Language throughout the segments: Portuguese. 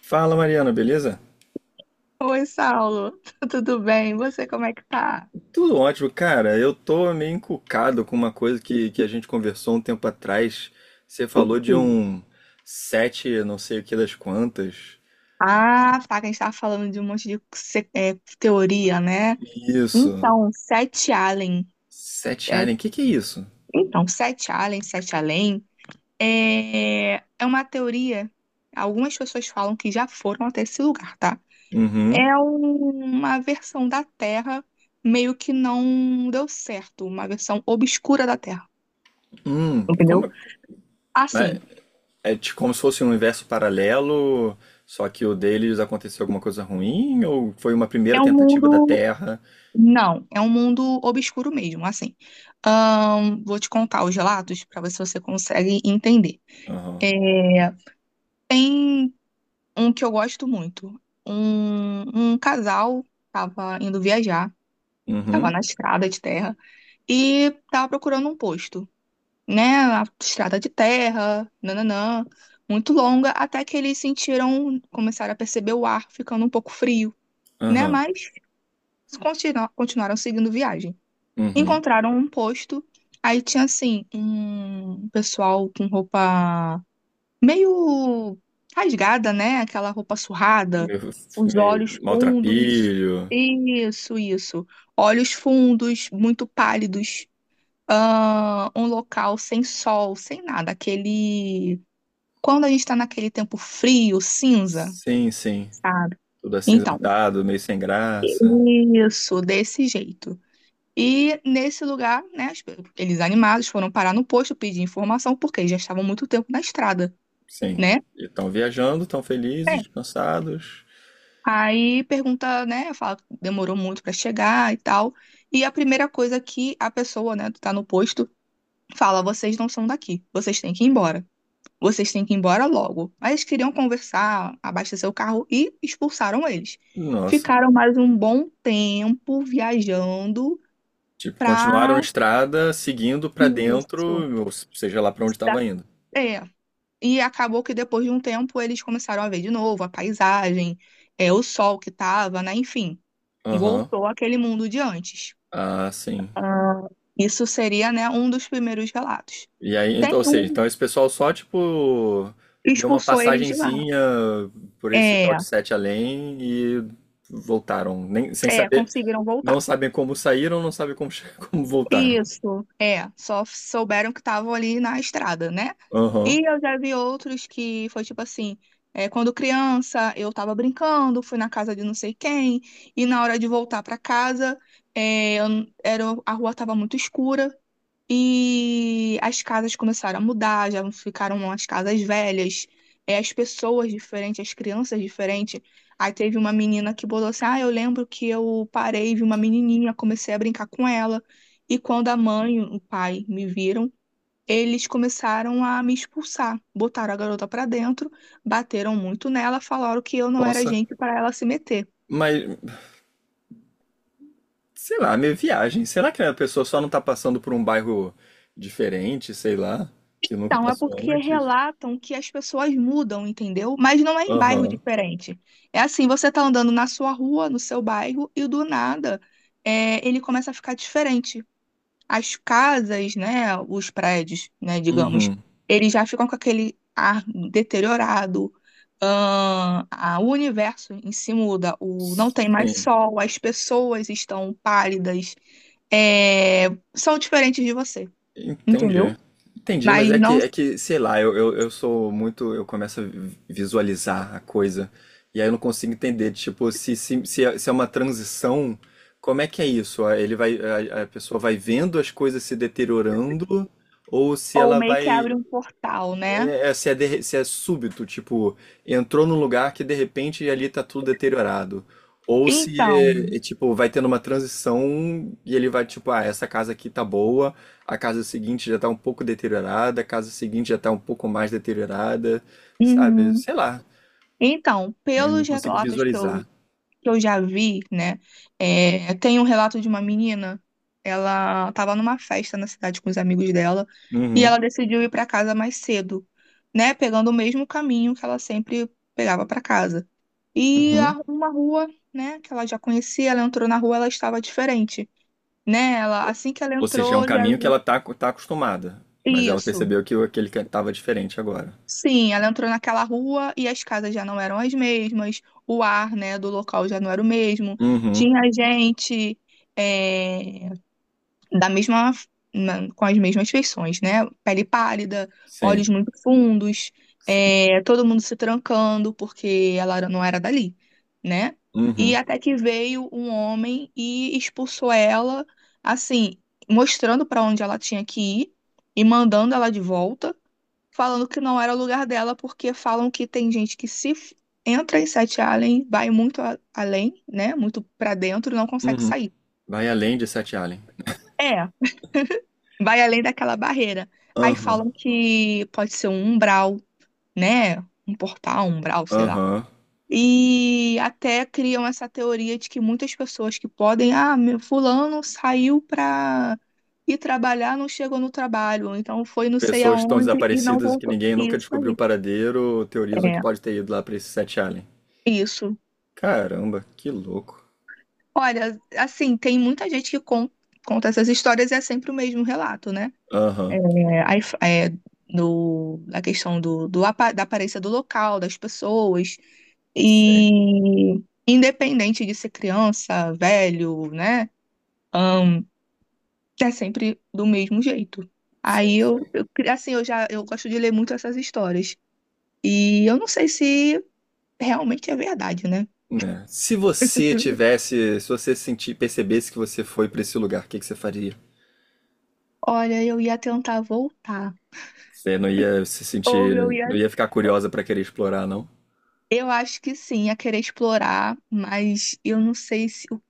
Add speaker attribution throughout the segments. Speaker 1: Fala, Mariana, beleza?
Speaker 2: Oi, Saulo. Tudo bem? Você, como é que tá?
Speaker 1: Tudo ótimo, cara. Eu tô meio encucado com uma coisa que a gente conversou um tempo atrás. Você
Speaker 2: O
Speaker 1: falou de
Speaker 2: quê?
Speaker 1: um sete, não sei o que das quantas.
Speaker 2: Ah, tá, que a gente tava falando de um monte de teoria, né?
Speaker 1: Isso.
Speaker 2: Então, Sete Allen,
Speaker 1: Sete
Speaker 2: é,
Speaker 1: Alien, o que que é isso?
Speaker 2: então, Sete Allen, Sete Além, é uma teoria, algumas pessoas falam que já foram até esse lugar, tá?
Speaker 1: Uhum.
Speaker 2: Uma versão da Terra meio que não deu certo, uma versão obscura da Terra,
Speaker 1: Como
Speaker 2: entendeu?
Speaker 1: é, né,
Speaker 2: Assim,
Speaker 1: é tipo como se fosse um universo paralelo, só que o deles aconteceu alguma coisa ruim ou foi uma primeira
Speaker 2: é um
Speaker 1: tentativa da
Speaker 2: mundo.
Speaker 1: Terra?
Speaker 2: Não, é um mundo obscuro mesmo, assim. Vou te contar os relatos para ver se você consegue entender.
Speaker 1: Aham.
Speaker 2: É, Tem um que eu gosto muito. Um casal estava indo viajar, estava
Speaker 1: Uhum.
Speaker 2: na estrada de terra e estava procurando um posto, né? A estrada de terra, nananã, muito longa, até que eles sentiram, começaram a perceber o ar ficando um pouco frio, né?
Speaker 1: Aham.
Speaker 2: Mas continuaram seguindo viagem.
Speaker 1: Uhum.
Speaker 2: Encontraram um posto, aí tinha assim um pessoal com roupa meio rasgada, né? Aquela roupa surrada,
Speaker 1: Meio,
Speaker 2: os
Speaker 1: meio
Speaker 2: olhos fundos.
Speaker 1: maltrapilho.
Speaker 2: Isso, isso. Olhos fundos, muito pálidos. Ah, um local sem sol, sem nada. Aquele. Quando a gente tá naquele tempo frio, cinza,
Speaker 1: Sim, sim.
Speaker 2: sabe?
Speaker 1: Tudo
Speaker 2: Então,
Speaker 1: acinzentado, meio sem graça.
Speaker 2: isso, desse jeito. E nesse lugar, né, eles animados foram parar no posto pedir informação, porque eles já estavam muito tempo na estrada,
Speaker 1: Sim.
Speaker 2: né?
Speaker 1: E estão viajando, estão
Speaker 2: É.
Speaker 1: felizes, cansados.
Speaker 2: Aí pergunta, né, fala que demorou muito para chegar e tal. E a primeira coisa que a pessoa, né, que tá no posto, fala: vocês não são daqui, vocês têm que ir embora. Vocês têm que ir embora logo. Mas eles queriam conversar, abastecer o carro e expulsaram eles.
Speaker 1: Nossa.
Speaker 2: Ficaram mais um bom tempo viajando
Speaker 1: Tipo, continuaram a
Speaker 2: pra
Speaker 1: estrada seguindo pra dentro,
Speaker 2: isso.
Speaker 1: ou seja lá pra onde estava
Speaker 2: Cidade-
Speaker 1: indo.
Speaker 2: É. E acabou que depois de um tempo eles começaram a ver de novo a paisagem, é o sol que estava, né? Enfim,
Speaker 1: Aham.
Speaker 2: voltou aquele mundo de antes.
Speaker 1: Ah, sim.
Speaker 2: Ah, isso seria, né, um dos primeiros relatos.
Speaker 1: E aí,
Speaker 2: Tem
Speaker 1: então, ou seja,
Speaker 2: um
Speaker 1: então esse pessoal só, tipo,
Speaker 2: que
Speaker 1: deu uma
Speaker 2: expulsou eles de lá.
Speaker 1: passagenzinha por esse tal
Speaker 2: É,
Speaker 1: de Sete Além e voltaram. Nem, sem
Speaker 2: é,
Speaker 1: saber,
Speaker 2: conseguiram
Speaker 1: não
Speaker 2: voltar.
Speaker 1: sabem como saíram, não sabem como, como voltaram.
Speaker 2: Isso, é, só souberam que estavam ali na estrada, né?
Speaker 1: Aham.
Speaker 2: E eu já vi outros que foi tipo assim, quando criança eu tava brincando, fui na casa de não sei quem, e na hora de voltar pra casa, era, a rua tava muito escura, e as casas começaram a mudar, já ficaram as casas velhas, as pessoas diferentes, as crianças diferentes. Aí teve uma menina que botou assim: ah, eu lembro que eu parei, vi uma menininha, comecei a brincar com ela. E quando a mãe e o pai me viram, eles começaram a me expulsar. Botaram a garota pra dentro, bateram muito nela, falaram que eu não era
Speaker 1: Nossa.
Speaker 2: gente para ela se meter.
Speaker 1: Mas, sei lá, meio viagem. Será que a pessoa só não tá passando por um bairro diferente, sei lá, que nunca
Speaker 2: Então, é
Speaker 1: passou
Speaker 2: porque
Speaker 1: antes?
Speaker 2: relatam que as pessoas mudam, entendeu? Mas não é em bairro
Speaker 1: Aham.
Speaker 2: diferente. É assim, você tá andando na sua rua, no seu bairro, e do nada, ele começa a ficar diferente. As casas, né, os prédios, né, digamos,
Speaker 1: Uhum.
Speaker 2: eles já ficam com aquele ar deteriorado. O universo em si muda, não tem mais
Speaker 1: Sim,
Speaker 2: sol, as pessoas estão pálidas, é, são diferentes de você,
Speaker 1: entendi.
Speaker 2: entendeu?
Speaker 1: Entendi, mas
Speaker 2: Mas não
Speaker 1: é que, sei lá, eu sou muito. Eu começo a visualizar a coisa. E aí eu não consigo entender, tipo, se se é uma transição, como é que é isso? Ah, a pessoa vai vendo as coisas se deteriorando, ou se
Speaker 2: Ou
Speaker 1: ela
Speaker 2: meio que
Speaker 1: vai.
Speaker 2: abre um portal, né?
Speaker 1: Se é, se é súbito, tipo, entrou num lugar que de repente ali tá tudo deteriorado. Ou se
Speaker 2: Então,
Speaker 1: tipo, vai tendo uma transição e ele vai, tipo, ah, essa casa aqui tá boa, a casa seguinte já tá um pouco deteriorada, a casa seguinte já tá um pouco mais deteriorada, sabe?
Speaker 2: uhum.
Speaker 1: Sei lá,
Speaker 2: Então,
Speaker 1: eu não
Speaker 2: pelos
Speaker 1: consigo
Speaker 2: relatos que eu,
Speaker 1: visualizar.
Speaker 2: que eu já vi, né? Tem um relato de uma menina, ela estava numa festa na cidade com os amigos dela e
Speaker 1: Uhum,
Speaker 2: ela decidiu ir para casa mais cedo, né? Pegando o mesmo caminho que ela sempre pegava para casa. E
Speaker 1: uhum.
Speaker 2: uma rua, né, que ela já conhecia, ela entrou na rua, ela estava diferente, né? Ela,
Speaker 1: Ou
Speaker 2: assim que ela
Speaker 1: ou seja, é um
Speaker 2: entrou, já
Speaker 1: caminho que
Speaker 2: viu
Speaker 1: ela tá acostumada, mas ela
Speaker 2: isso.
Speaker 1: percebeu que aquele que tava diferente agora.
Speaker 2: Sim, ela entrou naquela rua e as casas já não eram as mesmas, o ar, né, do local já não era o mesmo.
Speaker 1: Uhum,
Speaker 2: Tinha gente, é, da mesma, com as mesmas feições, né? Pele pálida, olhos
Speaker 1: sim,
Speaker 2: muito fundos,
Speaker 1: sim.
Speaker 2: todo mundo se trancando porque não era dali, né? E
Speaker 1: Uhum.
Speaker 2: até que veio um homem e expulsou ela, assim, mostrando para onde ela tinha que ir e mandando ela de volta, falando que não era o lugar dela, porque falam que tem gente que se f- entra em Sete Allen, vai muito além, né? Muito pra dentro e não consegue
Speaker 1: Uhum.
Speaker 2: sair.
Speaker 1: Vai além de Sete Alien.
Speaker 2: É, vai além daquela barreira. Aí
Speaker 1: Aham.
Speaker 2: falam que pode ser um umbral, né? Um portal, um umbral, sei lá.
Speaker 1: Aham.
Speaker 2: E até criam essa teoria de que muitas pessoas que podem, ah, meu fulano saiu pra ir trabalhar, não chegou no trabalho, ou então foi não sei
Speaker 1: Pessoas que estão
Speaker 2: aonde e não
Speaker 1: desaparecidas e que
Speaker 2: voltou.
Speaker 1: ninguém nunca
Speaker 2: Isso
Speaker 1: descobriu o
Speaker 2: aí.
Speaker 1: paradeiro teorizam que
Speaker 2: É.
Speaker 1: pode ter ido lá pra esse Sete Alien.
Speaker 2: Isso.
Speaker 1: Caramba, que louco.
Speaker 2: Olha, assim, tem muita gente que conta essas histórias, e é sempre o mesmo relato, né? É,
Speaker 1: Aham.
Speaker 2: aí f- é, no, Na questão do, do apa- da aparência do local, das pessoas,
Speaker 1: Sim,
Speaker 2: e independente de ser criança, velho, né? ahn, É sempre do mesmo jeito. Aí
Speaker 1: sim, sim.
Speaker 2: eu, cri- assim, eu já, eu gosto de ler muito essas histórias. E eu não sei se realmente é verdade, né?
Speaker 1: Né. Se você tivesse, se você sentir, percebesse que você foi pra esse lugar, o que que você faria?
Speaker 2: Olha, eu ia tentar voltar.
Speaker 1: Você não ia se
Speaker 2: Ou eu
Speaker 1: sentir,
Speaker 2: ia.
Speaker 1: não ia ficar curiosa pra querer explorar, não?
Speaker 2: Eu acho que sim, a querer explorar, mas eu não sei se, o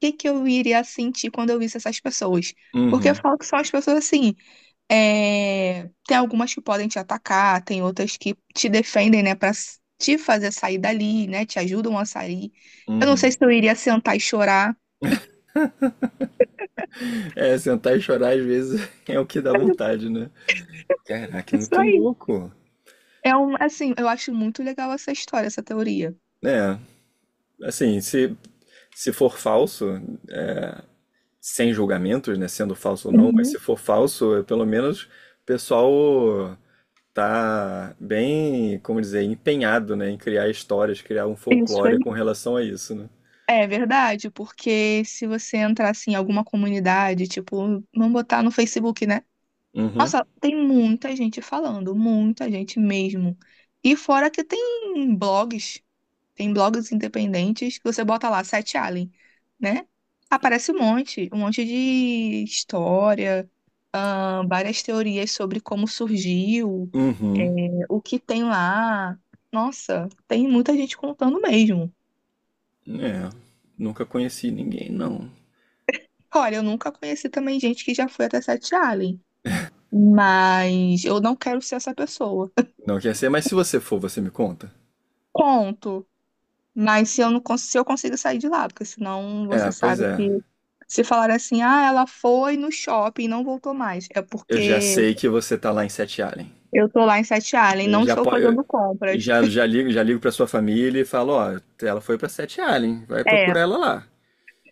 Speaker 2: que que eu iria sentir quando eu visse essas pessoas. Porque eu
Speaker 1: Uhum,
Speaker 2: falo que são as pessoas assim, tem algumas que podem te atacar, tem outras que te defendem, né, pra te fazer sair dali, né, te ajudam a sair. Eu não sei
Speaker 1: uhum.
Speaker 2: se eu iria sentar e chorar.
Speaker 1: É, sentar e chorar às vezes é o que dá
Speaker 2: Mas
Speaker 1: vontade, né? Caraca,
Speaker 2: é
Speaker 1: é
Speaker 2: isso
Speaker 1: muito
Speaker 2: aí.
Speaker 1: louco.
Speaker 2: Eu acho muito legal essa história, essa teoria.
Speaker 1: É, assim, se for falso, é, sem julgamentos, né, sendo falso ou não, mas
Speaker 2: Uhum,
Speaker 1: se for falso, é, pelo menos o pessoal tá bem, como dizer, empenhado, né, em criar histórias, criar um
Speaker 2: isso
Speaker 1: folclore
Speaker 2: aí.
Speaker 1: com relação a isso, né?
Speaker 2: É verdade, porque se você entrar assim em alguma comunidade, tipo, vamos botar no Facebook, né?
Speaker 1: Uhum.
Speaker 2: Nossa, tem muita gente falando, muita gente mesmo. E fora que tem blogs independentes que você bota lá, Sete Alien, né? Aparece um monte de história, ah, várias teorias sobre como surgiu, é,
Speaker 1: Uhum.
Speaker 2: o que tem lá. Nossa, tem muita gente contando mesmo.
Speaker 1: É, nunca conheci ninguém, não.
Speaker 2: Olha, eu nunca conheci também gente que já foi até Sete Allen, mas eu não quero ser essa pessoa.
Speaker 1: Não quer ser, mas se você for, você me conta?
Speaker 2: Conto, mas se eu se eu consigo sair de lá, porque senão
Speaker 1: É,
Speaker 2: você
Speaker 1: pois
Speaker 2: sabe
Speaker 1: é.
Speaker 2: que, se falar assim, ah, ela foi no shopping e não voltou mais, é
Speaker 1: Eu já
Speaker 2: porque
Speaker 1: sei que você tá lá em Sete Allen.
Speaker 2: eu tô lá em Sete Allen,
Speaker 1: Ele
Speaker 2: não
Speaker 1: já
Speaker 2: estou
Speaker 1: pode,
Speaker 2: fazendo compras.
Speaker 1: já já ligo para sua família e falo, ó, ela foi para Sete Allen, vai
Speaker 2: É.
Speaker 1: procurar ela lá.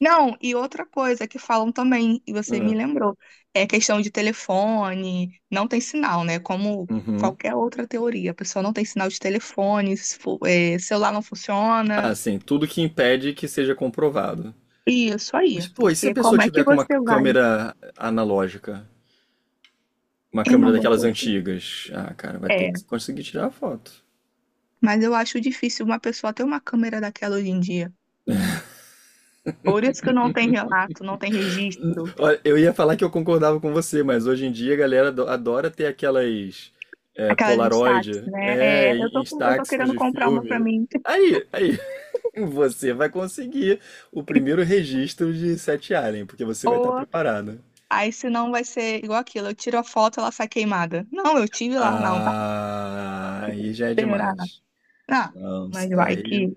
Speaker 2: Não, e outra coisa que falam também, e você me
Speaker 1: Ah,
Speaker 2: lembrou, é questão de telefone, não tem sinal, né? Como
Speaker 1: uhum.
Speaker 2: qualquer outra teoria, a pessoa não tem sinal de telefone, se for- é, celular não funciona,
Speaker 1: Ah, sim, tudo que impede que seja comprovado.
Speaker 2: isso
Speaker 1: Mas
Speaker 2: aí,
Speaker 1: pô, e se a
Speaker 2: porque
Speaker 1: pessoa
Speaker 2: como é que
Speaker 1: tiver com uma
Speaker 2: você vai?
Speaker 1: câmera analógica? Uma
Speaker 2: É uma
Speaker 1: câmera
Speaker 2: boa
Speaker 1: daquelas
Speaker 2: pergunta.
Speaker 1: antigas. Ah, cara, vai ter
Speaker 2: É,
Speaker 1: que conseguir tirar a foto.
Speaker 2: mas eu acho difícil uma pessoa ter uma câmera daquela hoje em dia. Por isso que não tem relato, não tem registro,
Speaker 1: Olha, eu ia falar que eu concordava com você, mas hoje em dia a galera adora ter aquelas é,
Speaker 2: aquelas Instax,
Speaker 1: Polaroid,
Speaker 2: né? É,
Speaker 1: é,
Speaker 2: eu tô
Speaker 1: Instax
Speaker 2: querendo
Speaker 1: de
Speaker 2: comprar uma pra
Speaker 1: filme.
Speaker 2: mim.
Speaker 1: Aí, aí. Você vai conseguir o primeiro registro de Sete Alien, porque você vai estar
Speaker 2: Ou
Speaker 1: preparado.
Speaker 2: Aí senão vai ser igual aquilo, eu tiro a foto, ela sai queimada. Não, eu tive lá, não, tá?
Speaker 1: Ah, aí já é
Speaker 2: Será?
Speaker 1: demais.
Speaker 2: Ah,
Speaker 1: Não,
Speaker 2: mas
Speaker 1: isso
Speaker 2: vai
Speaker 1: daí
Speaker 2: que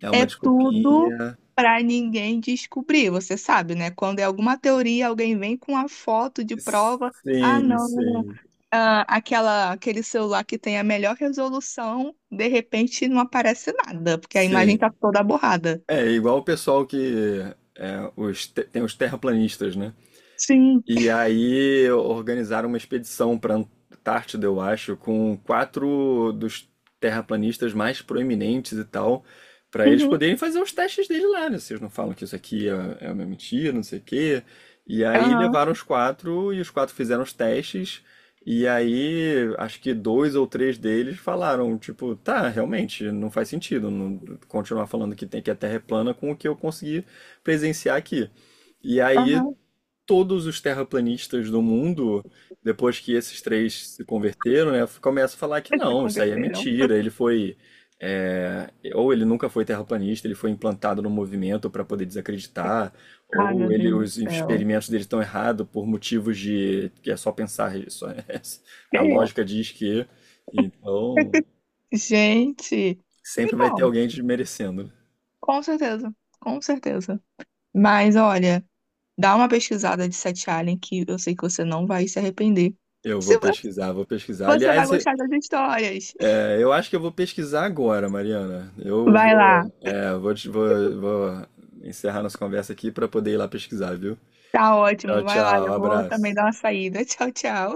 Speaker 1: é uma
Speaker 2: é tudo
Speaker 1: desculpinha.
Speaker 2: pra ninguém descobrir, você sabe, né? Quando é alguma teoria, alguém vem com a foto de prova, ah,
Speaker 1: Sim,
Speaker 2: não,
Speaker 1: sim,
Speaker 2: ah, aquele celular que tem a melhor resolução, de repente não aparece nada, porque a imagem tá
Speaker 1: sim.
Speaker 2: toda borrada.
Speaker 1: É igual o pessoal que é, tem os terraplanistas, né?
Speaker 2: Sim.
Speaker 1: E aí organizaram uma expedição para Antártida, eu acho, com quatro dos terraplanistas mais proeminentes e tal, para eles
Speaker 2: Uhum.
Speaker 1: poderem fazer os testes dele lá, né? Vocês não falam que isso aqui é uma mentira, não sei o quê. E aí
Speaker 2: Aham,
Speaker 1: levaram os quatro e os quatro fizeram os testes. E aí, acho que dois ou três deles falaram, tipo, tá, realmente, não faz sentido continuar falando que tem que a Terra é plana com o que eu consegui presenciar aqui. E aí
Speaker 2: aham.
Speaker 1: todos os terraplanistas do mundo, depois que esses três se converteram, né, começam a falar que
Speaker 2: Eles se
Speaker 1: não, isso aí é
Speaker 2: converteram.
Speaker 1: mentira, ele foi. É, ou ele nunca foi terraplanista, ele foi implantado no movimento para poder desacreditar,
Speaker 2: Ai, meu
Speaker 1: ou ele,
Speaker 2: Deus do
Speaker 1: os
Speaker 2: céu.
Speaker 1: experimentos dele estão errados por motivos de que é só pensar isso. Né? A
Speaker 2: É.
Speaker 1: lógica diz que. Então,
Speaker 2: Gente,
Speaker 1: sempre vai ter
Speaker 2: então,
Speaker 1: alguém desmerecendo.
Speaker 2: com certeza, com certeza. Mas olha, dá uma pesquisada de Sete Alien que eu sei que você não vai se arrepender.
Speaker 1: Eu vou
Speaker 2: Se vo-
Speaker 1: pesquisar, vou pesquisar.
Speaker 2: Você vai
Speaker 1: Aliás, eu
Speaker 2: gostar das histórias.
Speaker 1: é, eu acho que eu vou pesquisar agora, Mariana. Eu
Speaker 2: Vai
Speaker 1: vou,
Speaker 2: lá,
Speaker 1: vou, vou, vou encerrar nossa conversa aqui para poder ir lá pesquisar, viu?
Speaker 2: tá ótimo,
Speaker 1: Tchau,
Speaker 2: vai lá,
Speaker 1: tchau,
Speaker 2: eu vou também
Speaker 1: abraço.
Speaker 2: dar uma saída. Tchau, tchau.